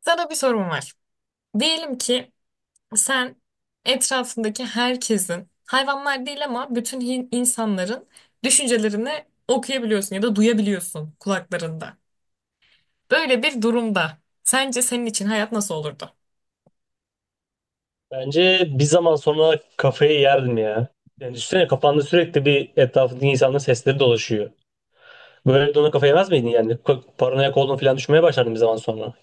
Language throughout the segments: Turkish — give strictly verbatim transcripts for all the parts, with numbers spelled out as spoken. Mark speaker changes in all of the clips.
Speaker 1: Sana bir sorum var. Diyelim ki sen etrafındaki herkesin, hayvanlar değil ama bütün hin- insanların düşüncelerini okuyabiliyorsun ya da duyabiliyorsun kulaklarında. Böyle bir durumda sence senin için hayat nasıl olurdu?
Speaker 2: Bence bir zaman sonra kafayı yerdim ya. Yani düşünsene, kafanda sürekli bir etrafındaki insanların sesleri dolaşıyor. Böyle de ona kafa yemez miydin yani? Ko- Paranoyak olduğunu falan düşünmeye başlardın bir zaman sonra.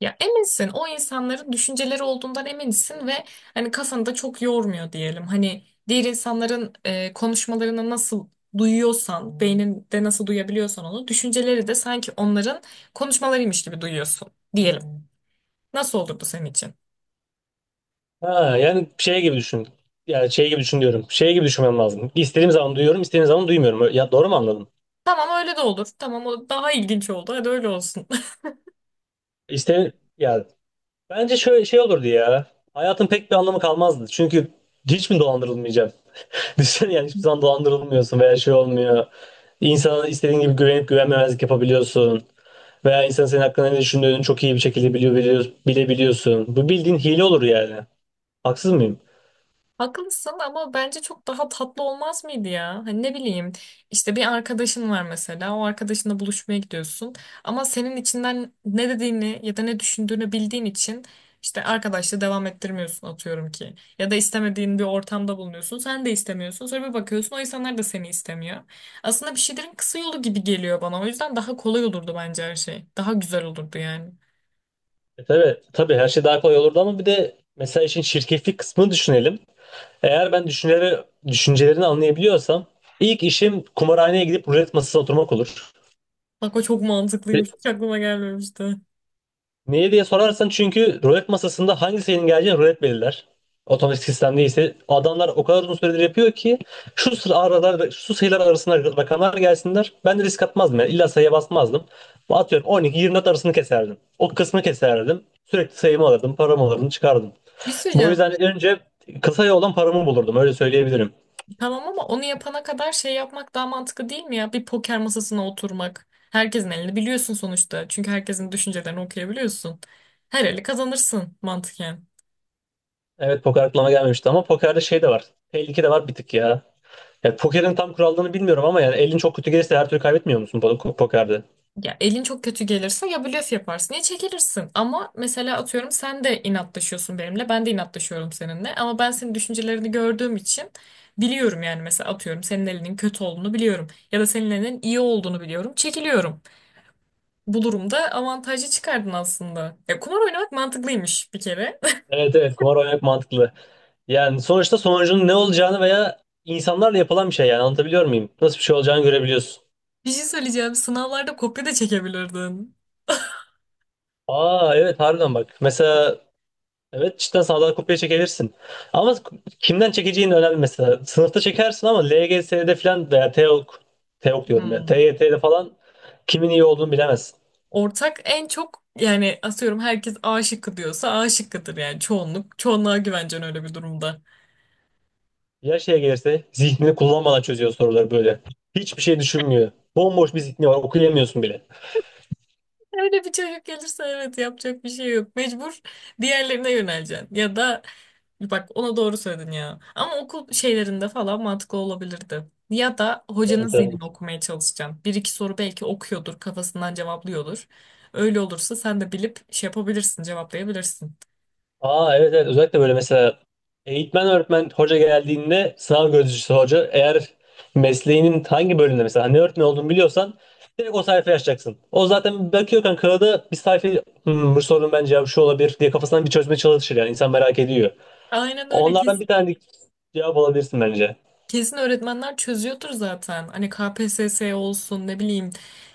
Speaker 1: Ya eminsin o insanların düşünceleri olduğundan eminsin ve hani kafanı da çok yormuyor diyelim. Hani diğer insanların e, konuşmalarını nasıl duyuyorsan, beyninde nasıl duyabiliyorsan onu, düşünceleri de sanki onların konuşmalarıymış gibi duyuyorsun diyelim. Nasıl olurdu senin için?
Speaker 2: Ha, yani şey gibi düşün. Yani şey gibi düşün diyorum. Şey gibi düşünmem lazım. İstediğim zaman duyuyorum, istediğim zaman duymuyorum. Ö- Ya doğru mu anladım?
Speaker 1: Tamam öyle de olur. Tamam o daha ilginç oldu. Hadi öyle olsun.
Speaker 2: İste ya, bence şöyle şey olurdu ya. Hayatın pek bir anlamı kalmazdı. Çünkü hiç mi dolandırılmayacağım? Düşünsene, yani hiçbir zaman dolandırılmıyorsun veya şey olmuyor. İnsana istediğin gibi güvenip güvenmemezlik yapabiliyorsun. Veya insan senin hakkında ne düşündüğünü çok iyi bir şekilde biliyor, biliyor, bilebiliyorsun. Bu bildiğin hile olur yani. Haksız mıyım?
Speaker 1: Haklısın ama bence çok daha tatlı olmaz mıydı ya? Hani ne bileyim işte bir arkadaşın var mesela, o arkadaşınla buluşmaya gidiyorsun ama senin içinden ne dediğini ya da ne düşündüğünü bildiğin için işte arkadaşla devam ettirmiyorsun atıyorum ki. Ya da istemediğin bir ortamda bulunuyorsun, sen de istemiyorsun, sonra bir bakıyorsun o insanlar da seni istemiyor. Aslında bir şeylerin kısa yolu gibi geliyor bana, o yüzden daha kolay olurdu bence her şey. Daha güzel olurdu yani.
Speaker 2: E tabii, tabii, her şey daha kolay olurdu ama bir de mesela işin şirketlik kısmını düşünelim. Eğer ben düşünceleri, düşüncelerini anlayabiliyorsam ilk işim kumarhaneye gidip rulet masasına oturmak olur.
Speaker 1: Bak o çok mantıklıymış, hiç aklıma gelmemişti.
Speaker 2: Niye diye sorarsan, çünkü rulet masasında hangi sayının geleceğini rulet belirler. Otomatik sistem değilse adamlar o kadar uzun süredir yapıyor ki şu sıra aralar şu sayılar arasında rakamlar gelsinler. Ben de risk atmazdım yani, illa sayıya basmazdım. Atıyorum, on iki yirmi dört arasını keserdim. O kısmı keserdim. Sürekli sayımı alırdım, paramı alırdım, çıkardım.
Speaker 1: Bir şey
Speaker 2: Bu
Speaker 1: söyleyeceğim.
Speaker 2: yüzden önce kısa yoldan paramı bulurdum, öyle söyleyebilirim.
Speaker 1: Tamam ama onu yapana kadar şey yapmak daha mantıklı değil mi ya? Bir poker masasına oturmak. Herkesin elini biliyorsun sonuçta. Çünkü herkesin düşüncelerini okuyabiliyorsun. Her eli kazanırsın mantıken.
Speaker 2: Evet, poker aklıma gelmemişti ama pokerde şey de var. Tehlike de var bir tık ya. Ya pokerin tam kurallarını bilmiyorum ama yani elin çok kötü gelirse her türlü kaybetmiyor musun po- pokerde?
Speaker 1: Ya elin çok kötü gelirse ya blöf yaparsın ya çekilirsin. Ama mesela atıyorum sen de inatlaşıyorsun benimle. Ben de inatlaşıyorum seninle. Ama ben senin düşüncelerini gördüğüm için biliyorum yani, mesela atıyorum senin elinin kötü olduğunu biliyorum. Ya da senin elinin iyi olduğunu biliyorum. Çekiliyorum. Bu durumda avantajı çıkardın aslında. Ya, kumar oynamak mantıklıymış bir kere.
Speaker 2: Evet, evet, kumar oynamak mantıklı. Yani sonuçta sonucunun ne olacağını veya insanlarla yapılan bir şey, yani anlatabiliyor muyum? Nasıl bir şey olacağını görebiliyorsun.
Speaker 1: Bir şey söyleyeceğim. Sınavlarda kopya da çekebilirdin.
Speaker 2: Aa, evet, harbiden bak. Mesela, evet, cidden sağdan kopya çekebilirsin. Ama kimden çekeceğin önemli mesela. Sınıfta çekersin ama L G S'de falan veya TEOK, TEOK diyorum ya,
Speaker 1: Hmm.
Speaker 2: T Y T'de falan kimin iyi olduğunu bilemezsin.
Speaker 1: Ortak en çok yani, atıyorum herkes A şıkkı diyorsa A şıkkıdır yani, çoğunluk. Çoğunluğa güvencen öyle bir durumda.
Speaker 2: Ya şeye gelirse, zihnini kullanmadan çözüyor soruları böyle. Hiçbir şey düşünmüyor. Bomboş bir zihni var, okuyamıyorsun bile.
Speaker 1: Öyle bir çocuk gelirse evet, yapacak bir şey yok. Mecbur diğerlerine yöneleceksin. Ya da bak ona doğru söyledin ya. Ama okul şeylerinde falan mantıklı olabilirdi. Ya da hocanın
Speaker 2: Evet, evet.
Speaker 1: zihnini okumaya çalışacaksın. Bir iki soru belki okuyordur, kafasından cevaplıyordur. Öyle olursa sen de bilip şey yapabilirsin, cevaplayabilirsin.
Speaker 2: Aa, evet, evet, özellikle böyle mesela eğitmen, öğretmen, hoca geldiğinde, sınav gözcüsü hoca, eğer mesleğinin hangi bölümünde, mesela hani ne öğretmen olduğunu biliyorsan, direkt o sayfayı açacaksın. O zaten bakıyor kanka kağıda bir sayfayı. "Hmm, bu sorunun bence cevabı şu olabilir" diye kafasından bir çözmeye çalışır yani, insan merak ediyor.
Speaker 1: Aynen öyle.
Speaker 2: Onlardan bir tane cevap alabilirsin bence.
Speaker 1: Kesin öğretmenler çözüyordur zaten. Hani K P S S olsun, ne bileyim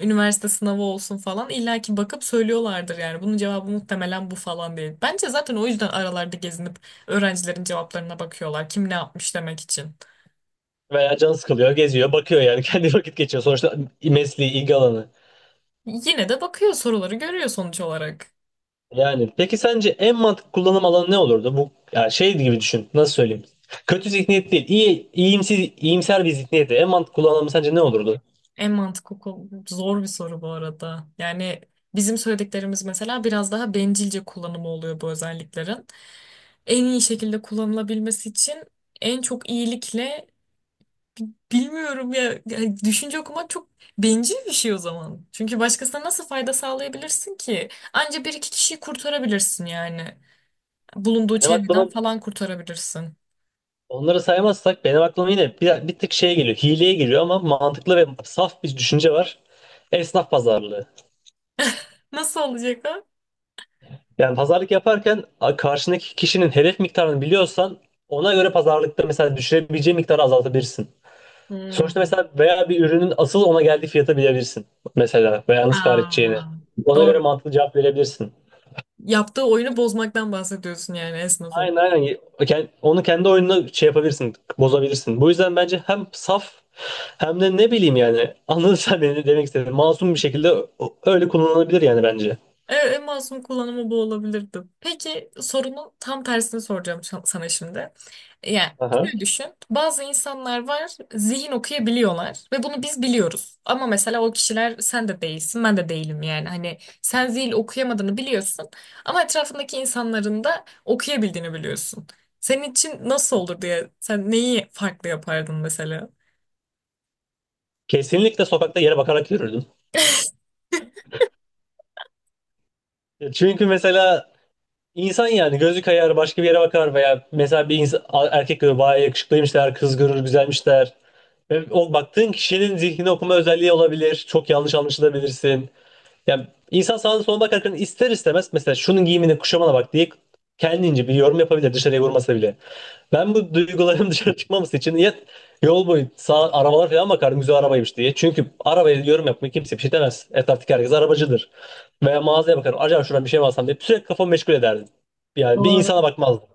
Speaker 1: üniversite sınavı olsun falan, illa ki bakıp söylüyorlardır yani. Bunun cevabı muhtemelen bu falan değil. Bence zaten o yüzden aralarda gezinip öğrencilerin cevaplarına bakıyorlar. Kim ne yapmış demek için.
Speaker 2: Veya can sıkılıyor, geziyor, bakıyor yani, kendi vakit geçiyor sonuçta, mesleği, ilgi alanı.
Speaker 1: Yine de bakıyor, soruları görüyor sonuç olarak.
Speaker 2: Yani peki sence en mantıklı kullanım alanı ne olurdu? Bu yani şey gibi düşün. Nasıl söyleyeyim? Kötü zihniyet değil. İyi, iyimsiz, iyimser bir zihniyeti. En mantıklı kullanımı sence ne olurdu?
Speaker 1: En mantıklı kol- zor bir soru bu arada. Yani bizim söylediklerimiz mesela biraz daha bencilce kullanımı oluyor bu özelliklerin. En iyi şekilde kullanılabilmesi için en çok iyilikle... Bilmiyorum ya. Yani düşünce okumak çok bencil bir şey o zaman. Çünkü başkasına nasıl fayda sağlayabilirsin ki? Anca bir iki kişiyi kurtarabilirsin yani. Bulunduğu
Speaker 2: Benim
Speaker 1: çevreden
Speaker 2: aklıma,
Speaker 1: falan kurtarabilirsin.
Speaker 2: onları saymazsak benim aklıma yine bir, bir tık şeye geliyor. Hileye geliyor ama mantıklı ve saf bir düşünce var. Esnaf pazarlığı.
Speaker 1: Nasıl olacak ha?
Speaker 2: Yani pazarlık yaparken a- karşındaki kişinin hedef miktarını biliyorsan, ona göre pazarlıkta mesela düşürebileceği miktarı azaltabilirsin. Sonuçta
Speaker 1: Hmm.
Speaker 2: mesela veya bir ürünün asıl ona geldiği fiyata bilebilirsin. Mesela veya nasıl kar edeceğini.
Speaker 1: Aa,
Speaker 2: Ona göre
Speaker 1: doğru.
Speaker 2: mantıklı cevap verebilirsin.
Speaker 1: Yaptığı oyunu bozmaktan bahsediyorsun yani, esnafın.
Speaker 2: Aynen, aynen. Ken- Onu kendi oyununa şey yapabilirsin, bozabilirsin. Bu yüzden bence hem saf hem de ne bileyim yani, anladın sen beni, demek istedim. Masum bir şekilde o- öyle kullanılabilir yani bence.
Speaker 1: Evet, en masum kullanımı bu olabilirdi. Peki sorunun tam tersini soracağım şa- sana şimdi. Yani
Speaker 2: Aha.
Speaker 1: şöyle düşün. Bazı insanlar var, zihin okuyabiliyorlar ve bunu biz biliyoruz. Ama mesela o kişiler sen de değilsin, ben de değilim yani. Hani sen zihin okuyamadığını biliyorsun ama etrafındaki insanların da okuyabildiğini biliyorsun. Senin için nasıl olur diye, sen neyi farklı yapardın mesela?
Speaker 2: Kesinlikle sokakta yere bakarak yürürdüm. Çünkü mesela, İnsan yani gözü kayar, başka bir yere bakar veya mesela bir insan, erkek görür bayağı yakışıklıymış der, kız görür güzelmiş der. Ve o baktığın kişinin zihnini okuma özelliği olabilir. Çok yanlış anlaşılabilirsin. Yani insan sağına soluna bakarken ister istemez mesela şunun giyimine kuşamana bak diye kendince bir yorum yapabilir, dışarıya vurmasa bile. Ben bu duygularım dışarı çıkmaması için ya, yol boyu sağ arabalar falan bakardım, güzel arabaymış diye. Çünkü arabaya yorum yapmaya kimse bir şey demez. Etraftaki herkes arabacıdır. Veya mağazaya bakarım, acaba şuradan bir şey mi alsam diye sürekli kafamı meşgul ederdim. Yani bir insana bakmazdım.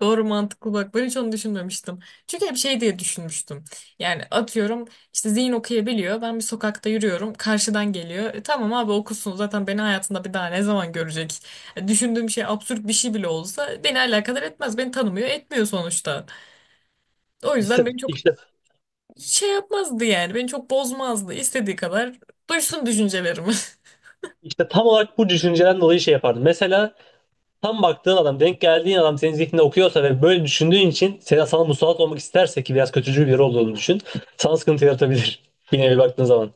Speaker 1: Doğru, mantıklı, bak ben hiç onu düşünmemiştim. Çünkü hep şey diye düşünmüştüm. Yani atıyorum, işte zihin okuyabiliyor. Ben bir sokakta yürüyorum. Karşıdan geliyor. E, tamam abi okusun, zaten beni hayatında bir daha ne zaman görecek? E, düşündüğüm şey absürt bir şey bile olsa beni alakadar etmez. Beni tanımıyor etmiyor sonuçta. O yüzden
Speaker 2: İşte,
Speaker 1: beni çok
Speaker 2: işte,
Speaker 1: şey yapmazdı yani. Beni çok bozmazdı. İstediği kadar duysun düşüncelerimi.
Speaker 2: işte tam olarak bu düşünceden dolayı şey yapardım. Mesela tam baktığın adam, denk geldiğin adam senin zihninde okuyorsa ve böyle düşündüğün için sana, sana musallat olmak isterse, ki biraz kötücül biri olduğunu düşün. Sana sıkıntı yaratabilir. Yine bir baktığın zaman.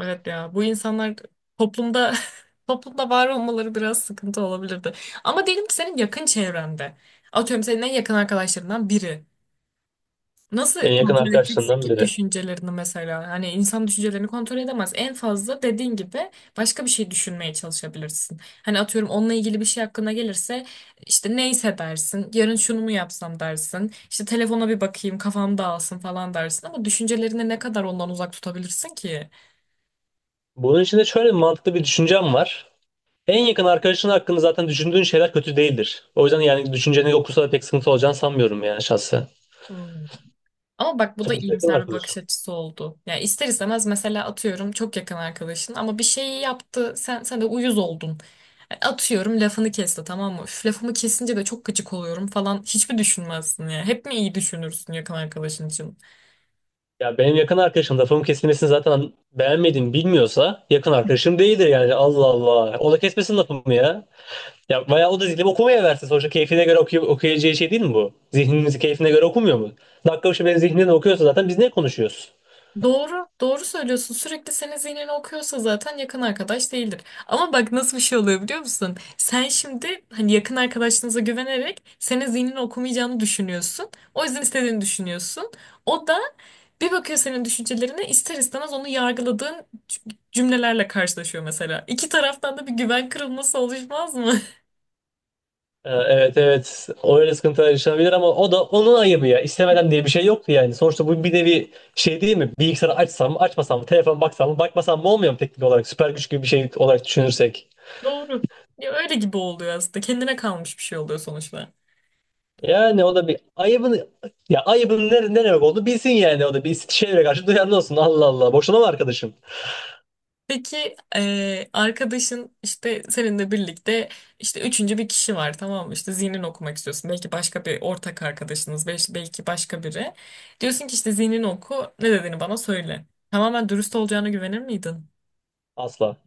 Speaker 1: Evet ya bu insanlar toplumda toplumda var olmaları biraz sıkıntı olabilirdi. Ama diyelim ki senin yakın çevrende. Atıyorum senin en yakın arkadaşlarından biri. Nasıl
Speaker 2: En yakın
Speaker 1: kontrol edeceksin
Speaker 2: arkadaşlarından
Speaker 1: ki
Speaker 2: biri.
Speaker 1: düşüncelerini mesela? Hani insan düşüncelerini kontrol edemez. En fazla dediğin gibi başka bir şey düşünmeye çalışabilirsin. Hani atıyorum onunla ilgili bir şey hakkında gelirse işte neyse dersin. Yarın şunu mu yapsam dersin. İşte telefona bir bakayım, kafam dağılsın falan dersin. Ama düşüncelerini ne kadar ondan uzak tutabilirsin ki?
Speaker 2: Bunun için de şöyle bir mantıklı bir düşüncem var. En yakın arkadaşın hakkında zaten düşündüğün şeyler kötü değildir. O yüzden yani düşünceni okursa da pek sıkıntı olacağını sanmıyorum, yani şahsen.
Speaker 1: Ama bak bu da
Speaker 2: Sonuçta yakın
Speaker 1: iyimser bir bakış
Speaker 2: arkadaşım.
Speaker 1: açısı oldu. Yani ister istemez mesela atıyorum, çok yakın arkadaşın ama bir şeyi yaptı, sen sen de uyuz oldun. Yani atıyorum lafını kesti, tamam mı? Üf, lafımı kesince de çok gıcık oluyorum falan hiçbir düşünmezsin ya? Hep mi iyi düşünürsün yakın arkadaşın için?
Speaker 2: Ya benim yakın arkadaşım lafımın kesilmesini zaten beğenmediğimi bilmiyorsa, yakın arkadaşım değildir yani. Allah Allah. O da kesmesin lafımı ya. Ya bayağı, o da zihnini okumaya versin. Sonuçta keyfine göre okuy okuyacağı şey değil mi bu? Zihnimizi keyfine göre okumuyor mu? Dakika başı benim zihnimden okuyorsa zaten biz ne konuşuyoruz?
Speaker 1: Doğru, doğru söylüyorsun. Sürekli senin zihnini okuyorsa zaten yakın arkadaş değildir. Ama bak nasıl bir şey oluyor biliyor musun? Sen şimdi hani yakın arkadaşınıza güvenerek senin zihnini okumayacağını düşünüyorsun. O yüzden istediğini düşünüyorsun. O da bir bakıyor senin düşüncelerine, ister istemez onu yargıladığın cümlelerle karşılaşıyor mesela. İki taraftan da bir güven kırılması oluşmaz mı?
Speaker 2: Ee, evet, evet. Öyle sıkıntılar yaşanabilir ama o da onun ayıbı ya. İstemeden diye bir şey yoktu yani. Sonuçta bu bir nevi şey değil mi? Bilgisayarı açsam mı açmasam mı? Telefon baksam mı bakmasam mı olmuyor mu teknik olarak? Süper güç gibi bir şey olarak düşünürsek.
Speaker 1: Doğru. Ya öyle gibi oluyor aslında. Kendine kalmış bir şey oluyor sonuçta.
Speaker 2: Yani o da bir ayıbın, ya ayıbın ne, ne demek olduğunu bilsin yani, o da bir şeylere karşı duyarlı olsun. Allah Allah. Boşuna mı arkadaşım?
Speaker 1: Peki eee, arkadaşın işte seninle birlikte işte üçüncü bir kişi var, tamam mı? İşte zihnini okumak istiyorsun. Belki başka bir ortak arkadaşınız, bel- belki başka biri. Diyorsun ki işte zihnini oku, ne dediğini bana söyle. Tamamen dürüst olacağına güvenir miydin?
Speaker 2: Asla.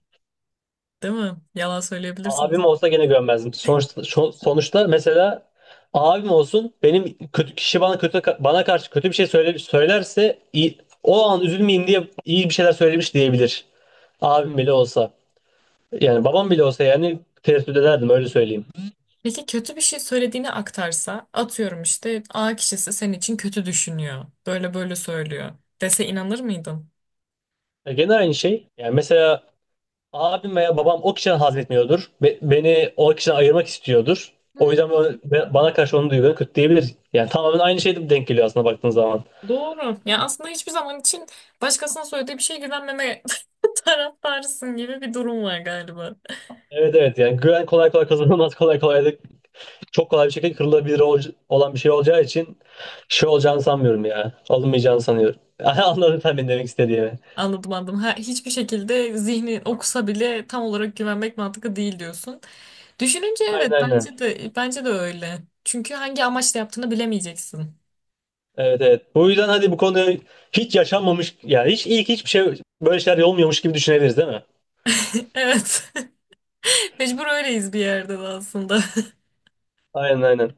Speaker 1: Değil mi? Yalan söyleyebilirsin.
Speaker 2: Abim olsa gene gömmezdim. Sonuçta, şo- sonuçta mesela abim olsun, benim kötü kişi, bana kötü, bana karşı kötü bir şey söyle, söylerse, iyi- o an üzülmeyeyim diye iyi bir şeyler söylemiş diyebilir. Abim bile olsa. Yani babam bile olsa yani tereddüt ederdim, öyle söyleyeyim.
Speaker 1: Peki kötü bir şey söylediğini aktarsa, atıyorum işte A kişisi senin için kötü düşünüyor. Böyle böyle söylüyor. Dese inanır mıydın?
Speaker 2: E, Gene aynı şey. Yani mesela abim veya babam o kişiden haz etmiyordur. Be- beni o kişiden ayırmak istiyordur. O yüzden bana bana karşı onun duygularını kötü diyebilir. Yani tamamen aynı şeyde denk geliyor aslında, baktığın zaman.
Speaker 1: Doğru. Ya aslında hiçbir zaman için başkasına söylediği bir şeye güvenmeme taraftarısın gibi bir durum var galiba.
Speaker 2: Evet, evet, yani güven kolay kolay kazanılmaz, kolay kolay da çok kolay bir şekilde kırılabilir ol- olan bir şey olacağı için şey olacağını sanmıyorum ya. Alınmayacağını sanıyorum. Anladın sen benim demek istediğimi.
Speaker 1: Anladım anladım. Ha, hiçbir şekilde zihni okusa bile tam olarak güvenmek mantıklı değil diyorsun. Düşününce
Speaker 2: Aynen,
Speaker 1: evet,
Speaker 2: aynen.
Speaker 1: bence de bence de öyle. Çünkü hangi amaçla yaptığını bilemeyeceksin.
Speaker 2: Evet, evet. Bu yüzden hadi bu konuyu hiç yaşanmamış, yani hiç ilk hiçbir şey böyle şeyler olmuyormuş gibi düşünebiliriz değil mi?
Speaker 1: Evet. Mecbur öyleyiz bir yerde de aslında.
Speaker 2: Aynen, aynen.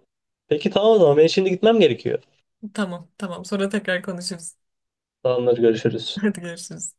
Speaker 2: Peki tamam, o zaman ben şimdi gitmem gerekiyor.
Speaker 1: Tamam tamam, sonra tekrar konuşuruz.
Speaker 2: Tamamdır, görüşürüz.
Speaker 1: Hadi görüşürüz.